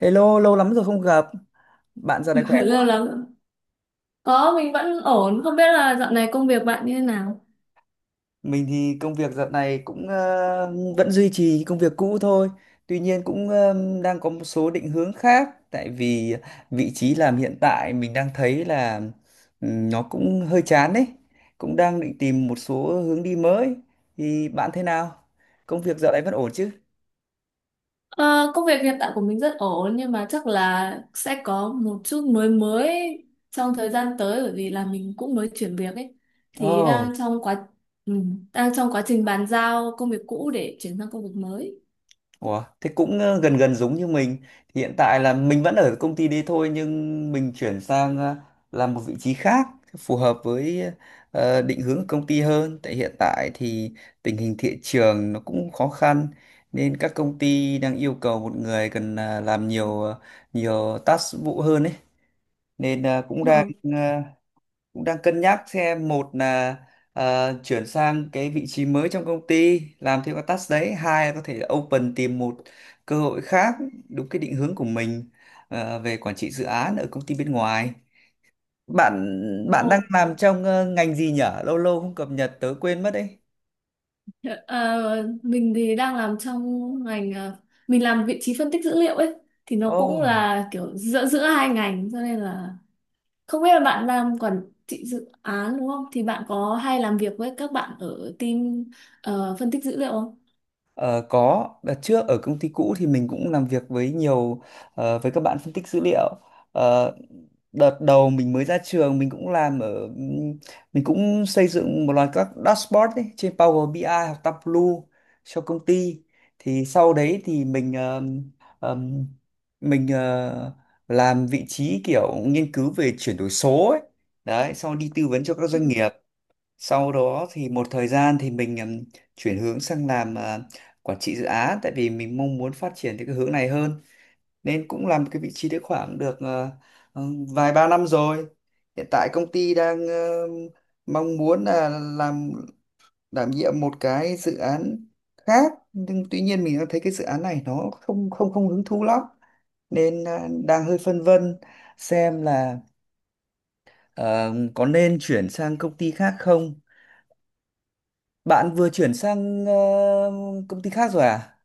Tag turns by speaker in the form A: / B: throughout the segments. A: Hello, lâu lắm rồi không gặp. Bạn giờ này khỏe
B: lâu
A: không?
B: lắm. Có, mình vẫn ổn, không biết là dạo này công việc bạn như thế nào?
A: Mình thì công việc dạo này cũng vẫn duy trì công việc cũ thôi. Tuy nhiên cũng đang có một số định hướng khác. Tại vì vị trí làm hiện tại mình đang thấy là nó cũng hơi chán đấy. Cũng đang định tìm một số hướng đi mới. Thì bạn thế nào? Công việc dạo này vẫn ổn chứ?
B: Ờ, Công việc hiện tại của mình rất ổn, nhưng mà chắc là sẽ có một chút mới mới trong thời gian tới, bởi vì là mình cũng mới chuyển việc ấy, thì
A: Ồ.
B: ừ, đang trong quá trình bàn giao công việc cũ để chuyển sang công việc mới.
A: Ủa, thế cũng gần gần giống như mình. Thì hiện tại là mình vẫn ở công ty đấy thôi, nhưng mình chuyển sang làm một vị trí khác phù hợp với định hướng của công ty hơn. Tại hiện tại thì tình hình thị trường nó cũng khó khăn, nên các công ty đang yêu cầu một người cần làm nhiều task vụ hơn ấy. Nên
B: Ờ,
A: cũng đang cân nhắc xem, một là chuyển sang cái vị trí mới trong công ty làm thêm các task đấy, hai là có thể open tìm một cơ hội khác đúng cái định hướng của mình về quản trị dự án ở công ty bên ngoài. Bạn bạn đang
B: ồ,
A: làm trong ngành gì nhở, lâu lâu không cập nhật tớ quên mất đấy.
B: ờ, mình thì đang làm trong ngành, mình làm vị trí phân tích dữ liệu ấy, thì nó
A: Ồ.
B: cũng là kiểu giữa giữa hai ngành, cho nên là không biết là bạn làm quản trị dự án đúng không? Thì bạn có hay làm việc với các bạn ở team phân tích dữ liệu không?
A: Ờ, có đợt trước ở công ty cũ thì mình cũng làm việc với với các bạn phân tích dữ liệu. Ờ, Đợt đầu mình mới ra trường, mình cũng làm ở mình cũng xây dựng một loạt các dashboard ấy, trên Power BI ai hoặc Tableau cho công ty. Thì sau đấy thì mình ờm, mình ờ, làm vị trí kiểu nghiên cứu về chuyển đổi số ấy, đấy sau đi tư vấn cho các doanh nghiệp. Sau đó thì một thời gian thì mình chuyển hướng sang làm quản trị dự án, tại vì mình mong muốn phát triển theo cái hướng này hơn, nên cũng làm cái vị trí đấy khoảng được ờ, vài ba năm rồi. Hiện tại công ty đang mong muốn là làm đảm nhiệm một cái dự án khác, nhưng tuy nhiên mình đang thấy cái dự án này nó không không không hứng thú lắm, nên đang hơi phân vân xem là ờ, có nên chuyển sang công ty khác không. Bạn vừa chuyển sang công ty khác rồi à?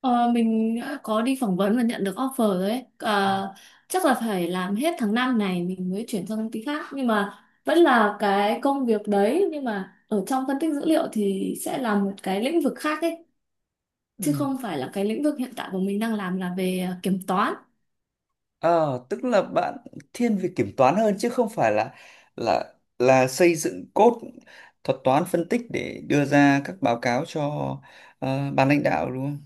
B: Ờ, mình đã có đi phỏng vấn và nhận được offer rồi đấy. Ờ, Chắc là phải làm hết tháng 5 này mình mới chuyển sang công ty khác. Nhưng mà vẫn là cái công việc đấy. Nhưng mà ở trong phân tích dữ liệu thì sẽ là một cái lĩnh vực khác ấy. Chứ
A: Ừ.
B: không phải là cái lĩnh vực hiện tại của mình đang làm là về kiểm toán.
A: Ờ, Tức là bạn thiên về kiểm toán hơn chứ không phải là xây dựng code thuật toán phân tích để đưa ra các báo cáo cho ban lãnh đạo, đúng không?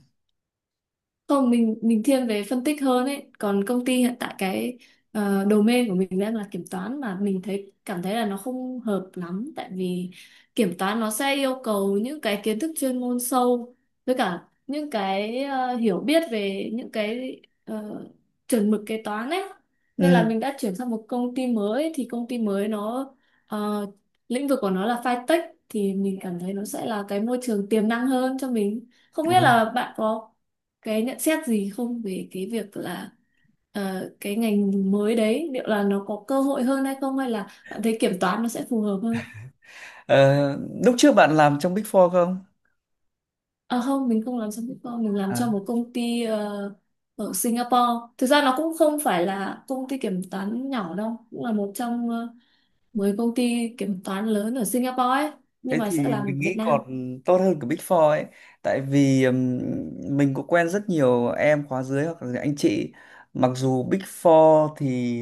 B: Không, mình thiên về phân tích hơn ấy, còn công ty hiện tại cái domain của mình đang là kiểm toán, mà mình cảm thấy là nó không hợp lắm, tại vì kiểm toán nó sẽ yêu cầu những cái kiến thức chuyên môn sâu, với cả những cái hiểu biết về những cái chuẩn mực kế toán ấy, nên là
A: Ừ.
B: mình đã chuyển sang một công ty mới, thì công ty mới nó ờ, lĩnh vực của nó là fintech, thì mình cảm thấy nó sẽ là cái môi trường tiềm năng hơn cho mình. Không biết
A: Rồi.
B: là bạn có cái nhận xét gì không về cái việc là cái ngành mới đấy liệu là nó có cơ hội hơn hay không, hay là bạn thấy kiểm toán nó sẽ phù hợp hơn?
A: Ờ, Lúc trước bạn làm trong Big Four không?
B: À không, mình không làm cho Bitcoin, mình làm cho một công ty ở Singapore, thực ra nó cũng không phải là công ty kiểm toán nhỏ đâu, cũng là một trong 10 công ty kiểm toán lớn ở Singapore ấy, nhưng
A: Thế
B: mà sẽ
A: thì
B: làm ở
A: mình
B: Việt
A: nghĩ còn
B: Nam.
A: tốt hơn cả Big Four ấy. Tại vì mình cũng quen rất nhiều em khóa dưới hoặc là anh chị. Mặc dù Big Four thì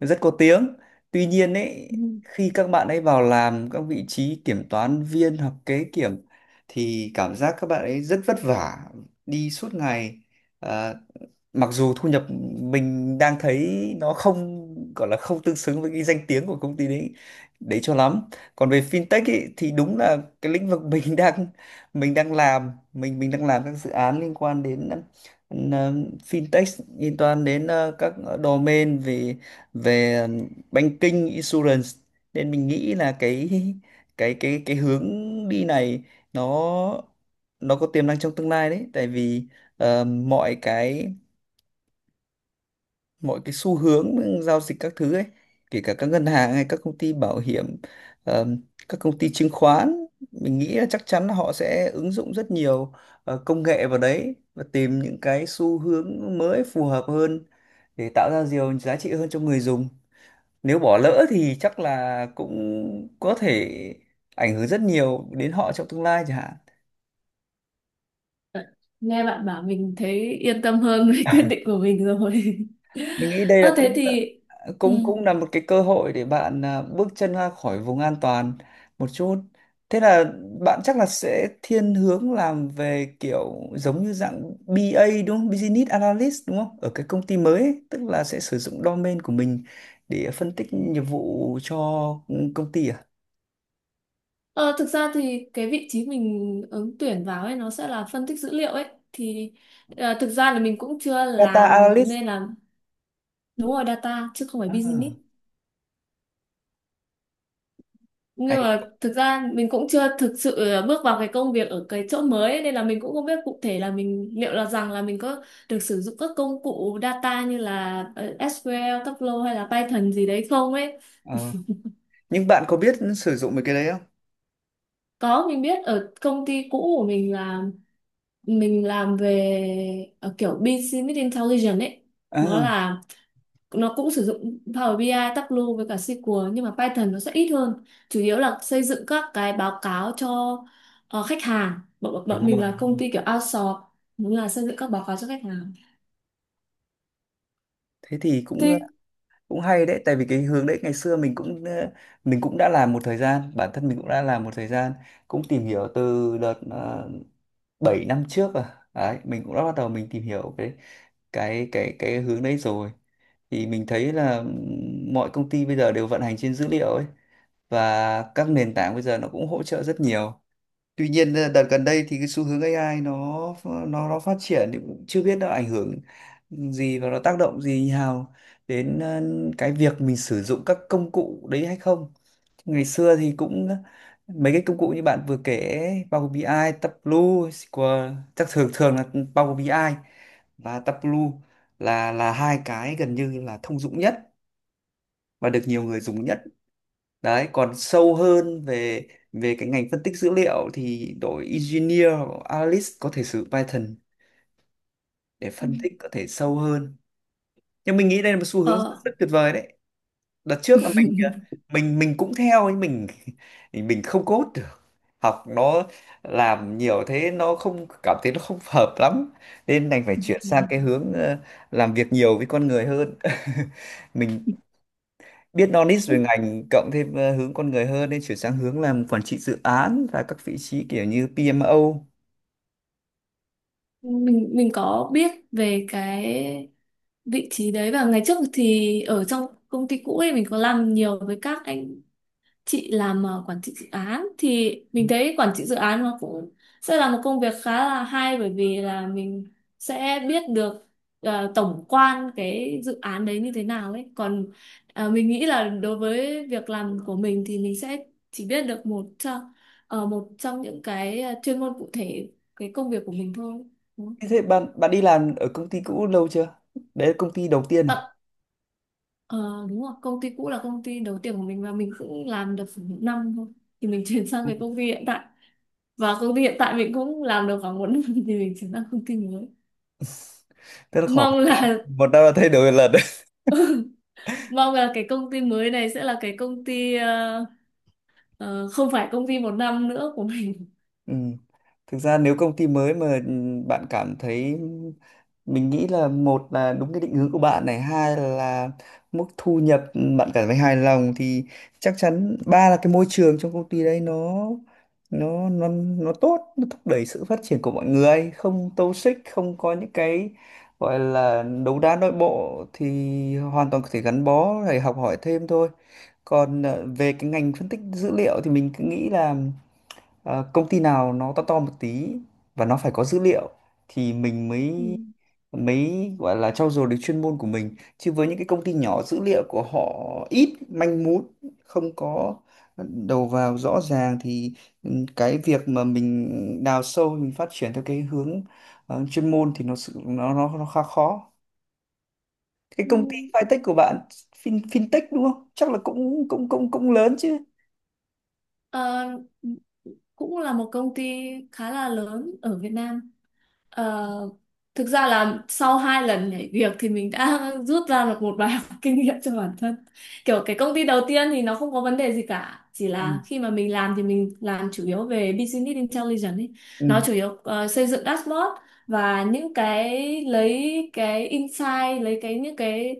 A: rất có tiếng, tuy nhiên ấy,
B: Ừ.
A: khi các bạn ấy vào làm các vị trí kiểm toán viên hoặc kế kiểm thì cảm giác các bạn ấy rất vất vả, đi suốt ngày. Ờ, Mặc dù thu nhập, mình đang thấy nó không, gọi là không tương xứng với cái danh tiếng của công ty đấy đấy cho lắm. Còn về fintech ấy, thì đúng là cái lĩnh vực mình đang mình đang làm các dự án liên quan đến ừm, ờ, fintech, liên quan đến các domain về về banking insurance, nên mình nghĩ là cái hướng đi này nó nó có tiềm năng trong tương lai đấy, tại vì ờ, mọi cái mọi cái xu hướng giao dịch các thứ ấy, kể cả các ngân hàng hay các công ty bảo hiểm, ờm, các công ty chứng khoán, mình nghĩ là chắc chắn là họ sẽ ứng dụng rất nhiều công nghệ vào đấy, và tìm những cái xu hướng mới phù hợp hơn để tạo ra nhiều giá trị hơn cho người dùng. Nếu bỏ lỡ thì chắc là cũng có thể ảnh hưởng rất nhiều đến họ trong tương lai chẳng hạn.
B: Nghe bạn bảo mình thấy yên tâm hơn với quyết định của mình rồi.
A: Mình nghĩ đây là
B: Ơ, thế
A: cũng
B: thì ừ.
A: cũng cũng là một cái cơ hội để bạn bước chân ra khỏi vùng an toàn một chút. Thế là bạn chắc là sẽ thiên hướng làm về kiểu giống như dạng BA đúng không, Business Analyst, đúng không, ở cái công ty mới ấy, tức là sẽ sử dụng domain của mình để phân tích nghiệp vụ cho công ty à?
B: Ờ, Thực ra thì cái vị trí mình ứng tuyển vào ấy nó sẽ là phân tích dữ liệu ấy, thì thực ra là mình cũng chưa
A: Data
B: làm,
A: Analyst
B: nên là đúng rồi, data chứ không phải business,
A: à?
B: nhưng
A: hay
B: mà thực ra mình cũng chưa thực sự bước vào cái công việc ở cái chỗ mới ấy, nên là mình cũng không biết cụ thể là mình liệu là rằng là mình có được sử dụng các công cụ data như là SQL, Tableau hay là Python gì đấy không ấy.
A: Ờ, nhưng bạn có biết sử dụng mấy cái đấy không?
B: Có, mình biết ở công ty cũ của mình là mình làm về kiểu business intelligence ấy, nó
A: à,
B: là nó cũng sử dụng Power BI, ai, Tableau với cả SQL, nhưng mà Python nó sẽ ít hơn, chủ yếu là xây dựng các cái báo cáo cho khách hàng, bọn, bọn bọn
A: đúng
B: mình
A: rồi,
B: là
A: đúng
B: công
A: rồi.
B: ty kiểu outsource, đúng là xây dựng các báo cáo cho khách hàng,
A: Thế thì cũng
B: thì
A: cũng hay đấy, tại vì cái hướng đấy ngày xưa mình cũng đã làm một thời gian, bản thân mình cũng đã làm một thời gian, cũng tìm hiểu từ đợt 7 năm trước, à đấy, mình cũng đã bắt đầu, mình tìm hiểu cái hướng đấy rồi. Thì mình thấy là mọi công ty bây giờ đều vận hành trên dữ liệu ấy, và các nền tảng bây giờ nó cũng hỗ trợ rất nhiều. Tuy nhiên đợt gần đây thì cái xu hướng AI nó phát triển, thì cũng chưa biết nó ảnh hưởng gì và nó tác động gì nào đến cái việc mình sử dụng các công cụ đấy hay không. Ngày xưa thì cũng mấy cái công cụ như bạn vừa kể ấy, Power BI, ai, Tableau, SQL, chắc thường thường là Power BI ai và Tableau là hai cái gần như là thông dụng nhất và được nhiều người dùng nhất đấy. Còn sâu hơn về về cái ngành phân tích dữ liệu thì đội engineer hoặc analyst có thể sử dụng Python để phân tích có thể sâu hơn, nhưng mình nghĩ đây là một xu hướng rất,
B: ờ,
A: rất tuyệt vời đấy. Đợt trước là mình cũng theo, nhưng mình mình không code được, học nó làm nhiều thế nó không, cảm thấy nó không hợp lắm, nên đành phải chuyển sang cái hướng làm việc nhiều với con người hơn. Mình biết knowledge về ngành, cộng thêm hướng con người hơn, nên chuyển sang hướng làm quản trị dự án và các vị trí kiểu như PMO.
B: mình có biết về cái vị trí đấy, và ngày trước thì ở trong công ty cũ ấy mình có làm nhiều với các anh chị làm quản trị dự án, thì mình thấy quản trị dự án nó cũng sẽ là một công việc khá là hay, bởi vì là mình sẽ biết được tổng quan cái dự án đấy như thế nào ấy. Còn mình nghĩ là đối với việc làm của mình thì mình sẽ chỉ biết được một trong những cái chuyên môn cụ thể cái công việc của mình thôi, đúng không?
A: Thế thế bạn bạn đi làm ở công ty cũ lâu chưa? Đấy là công ty đầu tiên
B: Ờ,
A: à?
B: ờ, Đúng rồi, công ty cũ là công ty đầu tiên của mình, và mình cũng làm được khoảng một năm thôi, thì mình chuyển sang cái công ty hiện tại, và công ty hiện tại mình cũng làm được khoảng một năm thì mình chuyển sang công ty mới.
A: Tức là khoảng
B: Mong là
A: một năm là thay đổi một lần.
B: mong là cái công ty mới này sẽ là cái công ty không phải công ty một năm nữa của mình.
A: Ừ. Thực ra nếu công ty mới mà bạn cảm thấy, mình nghĩ là, một là đúng cái định hướng của bạn này, hai là mức thu nhập bạn cảm thấy hài lòng thì chắc chắn, ba là cái môi trường trong công ty đấy nó nó nó tốt, nó thúc đẩy sự phát triển của mọi người, không toxic, không có những cái gọi là đấu đá nội bộ, thì hoàn toàn có thể gắn bó để học hỏi thêm thôi. Còn về cái ngành phân tích dữ liệu thì mình cứ nghĩ là công ty nào nó to to một tí và nó phải có dữ liệu thì mình
B: Ừ.
A: mới mới gọi là trau dồi được chuyên môn của mình, chứ với những cái công ty nhỏ, dữ liệu của họ ít, manh mún, không có đầu vào rõ ràng thì cái việc mà mình đào sâu, mình phát triển theo cái hướng chuyên môn thì nó sự nó khá khó. Cái
B: Ừ.
A: công ty fintech của bạn, fintech đúng không, chắc là cũng cũng cũng cũng lớn chứ?
B: Ờ, Cũng là một công ty khá là lớn ở Việt Nam. Ờ, Thực ra là sau hai lần nhảy việc thì mình đã rút ra được một bài học kinh nghiệm cho bản thân. Kiểu cái công ty đầu tiên thì nó không có vấn đề gì cả, chỉ
A: Ừ,
B: là khi mà mình làm thì mình làm chủ yếu về business intelligence ấy. Nó
A: ừ,
B: chủ yếu xây dựng dashboard và những cái lấy cái insight, lấy cái những cái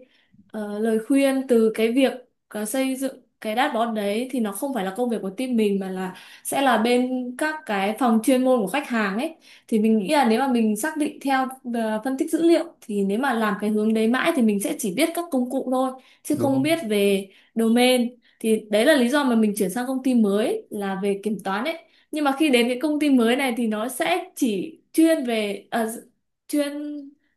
B: lời khuyên từ cái việc xây dựng cái dashboard đấy, thì nó không phải là công việc của team mình mà là sẽ là bên các cái phòng chuyên môn của khách hàng ấy. Thì mình nghĩ là nếu mà mình xác định theo phân tích dữ liệu, thì nếu mà làm cái hướng đấy mãi thì mình sẽ chỉ biết các công cụ thôi chứ không
A: đúng
B: biết về domain, thì đấy là lý do mà mình chuyển sang công ty mới là về kiểm toán ấy. Nhưng mà khi đến cái công ty mới này thì nó sẽ chỉ chuyên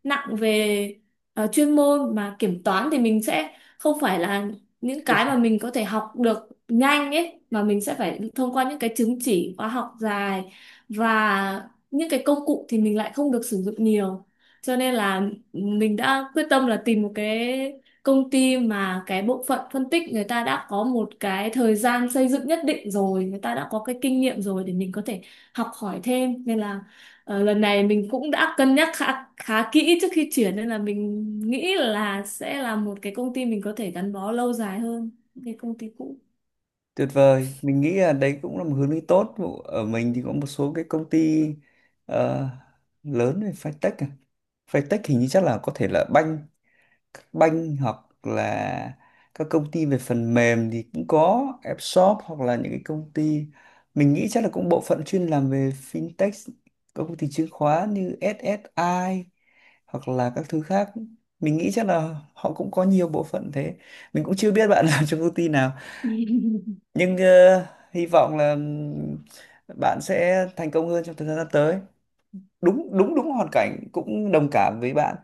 B: nặng về chuyên môn, mà kiểm toán thì mình sẽ không phải là những
A: không?
B: cái mà mình có thể học được nhanh ấy, mà mình sẽ phải thông qua những cái chứng chỉ khóa học dài, và những cái công cụ thì mình lại không được sử dụng nhiều, cho nên là mình đã quyết tâm là tìm một cái công ty mà cái bộ phận phân tích người ta đã có một cái thời gian xây dựng nhất định rồi, người ta đã có cái kinh nghiệm rồi để mình có thể học hỏi thêm, nên là lần này mình cũng đã cân nhắc khá khá kỹ trước khi chuyển, nên là mình nghĩ là sẽ là một cái công ty mình có thể gắn bó lâu dài hơn cái công ty cũ.
A: Tuyệt vời, mình nghĩ là đấy cũng là một hướng đi tốt. Ở mình thì có một số cái công ty ờ, lớn về fintech à. Fintech hình như chắc là có thể là banh, hoặc là các công ty về phần mềm thì cũng có app shop, hoặc là những cái công ty, mình nghĩ chắc là cũng bộ phận chuyên làm về fintech, các công ty chứng khoán như SSI hoặc là các thứ khác. Mình nghĩ chắc là họ cũng có nhiều bộ phận thế. Mình cũng chưa biết bạn làm trong công ty nào nhưng hy vọng là bạn sẽ thành công hơn trong thời gian sắp tới. Đúng đúng đúng, hoàn cảnh cũng đồng cảm với bạn.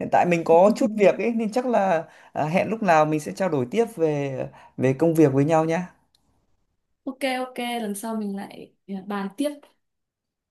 A: Hiện tại mình có chút việc ấy nên chắc là hẹn lúc nào mình sẽ trao đổi tiếp về về công việc với nhau nhé.
B: Ok, ok, lần sau mình lại bàn tiếp.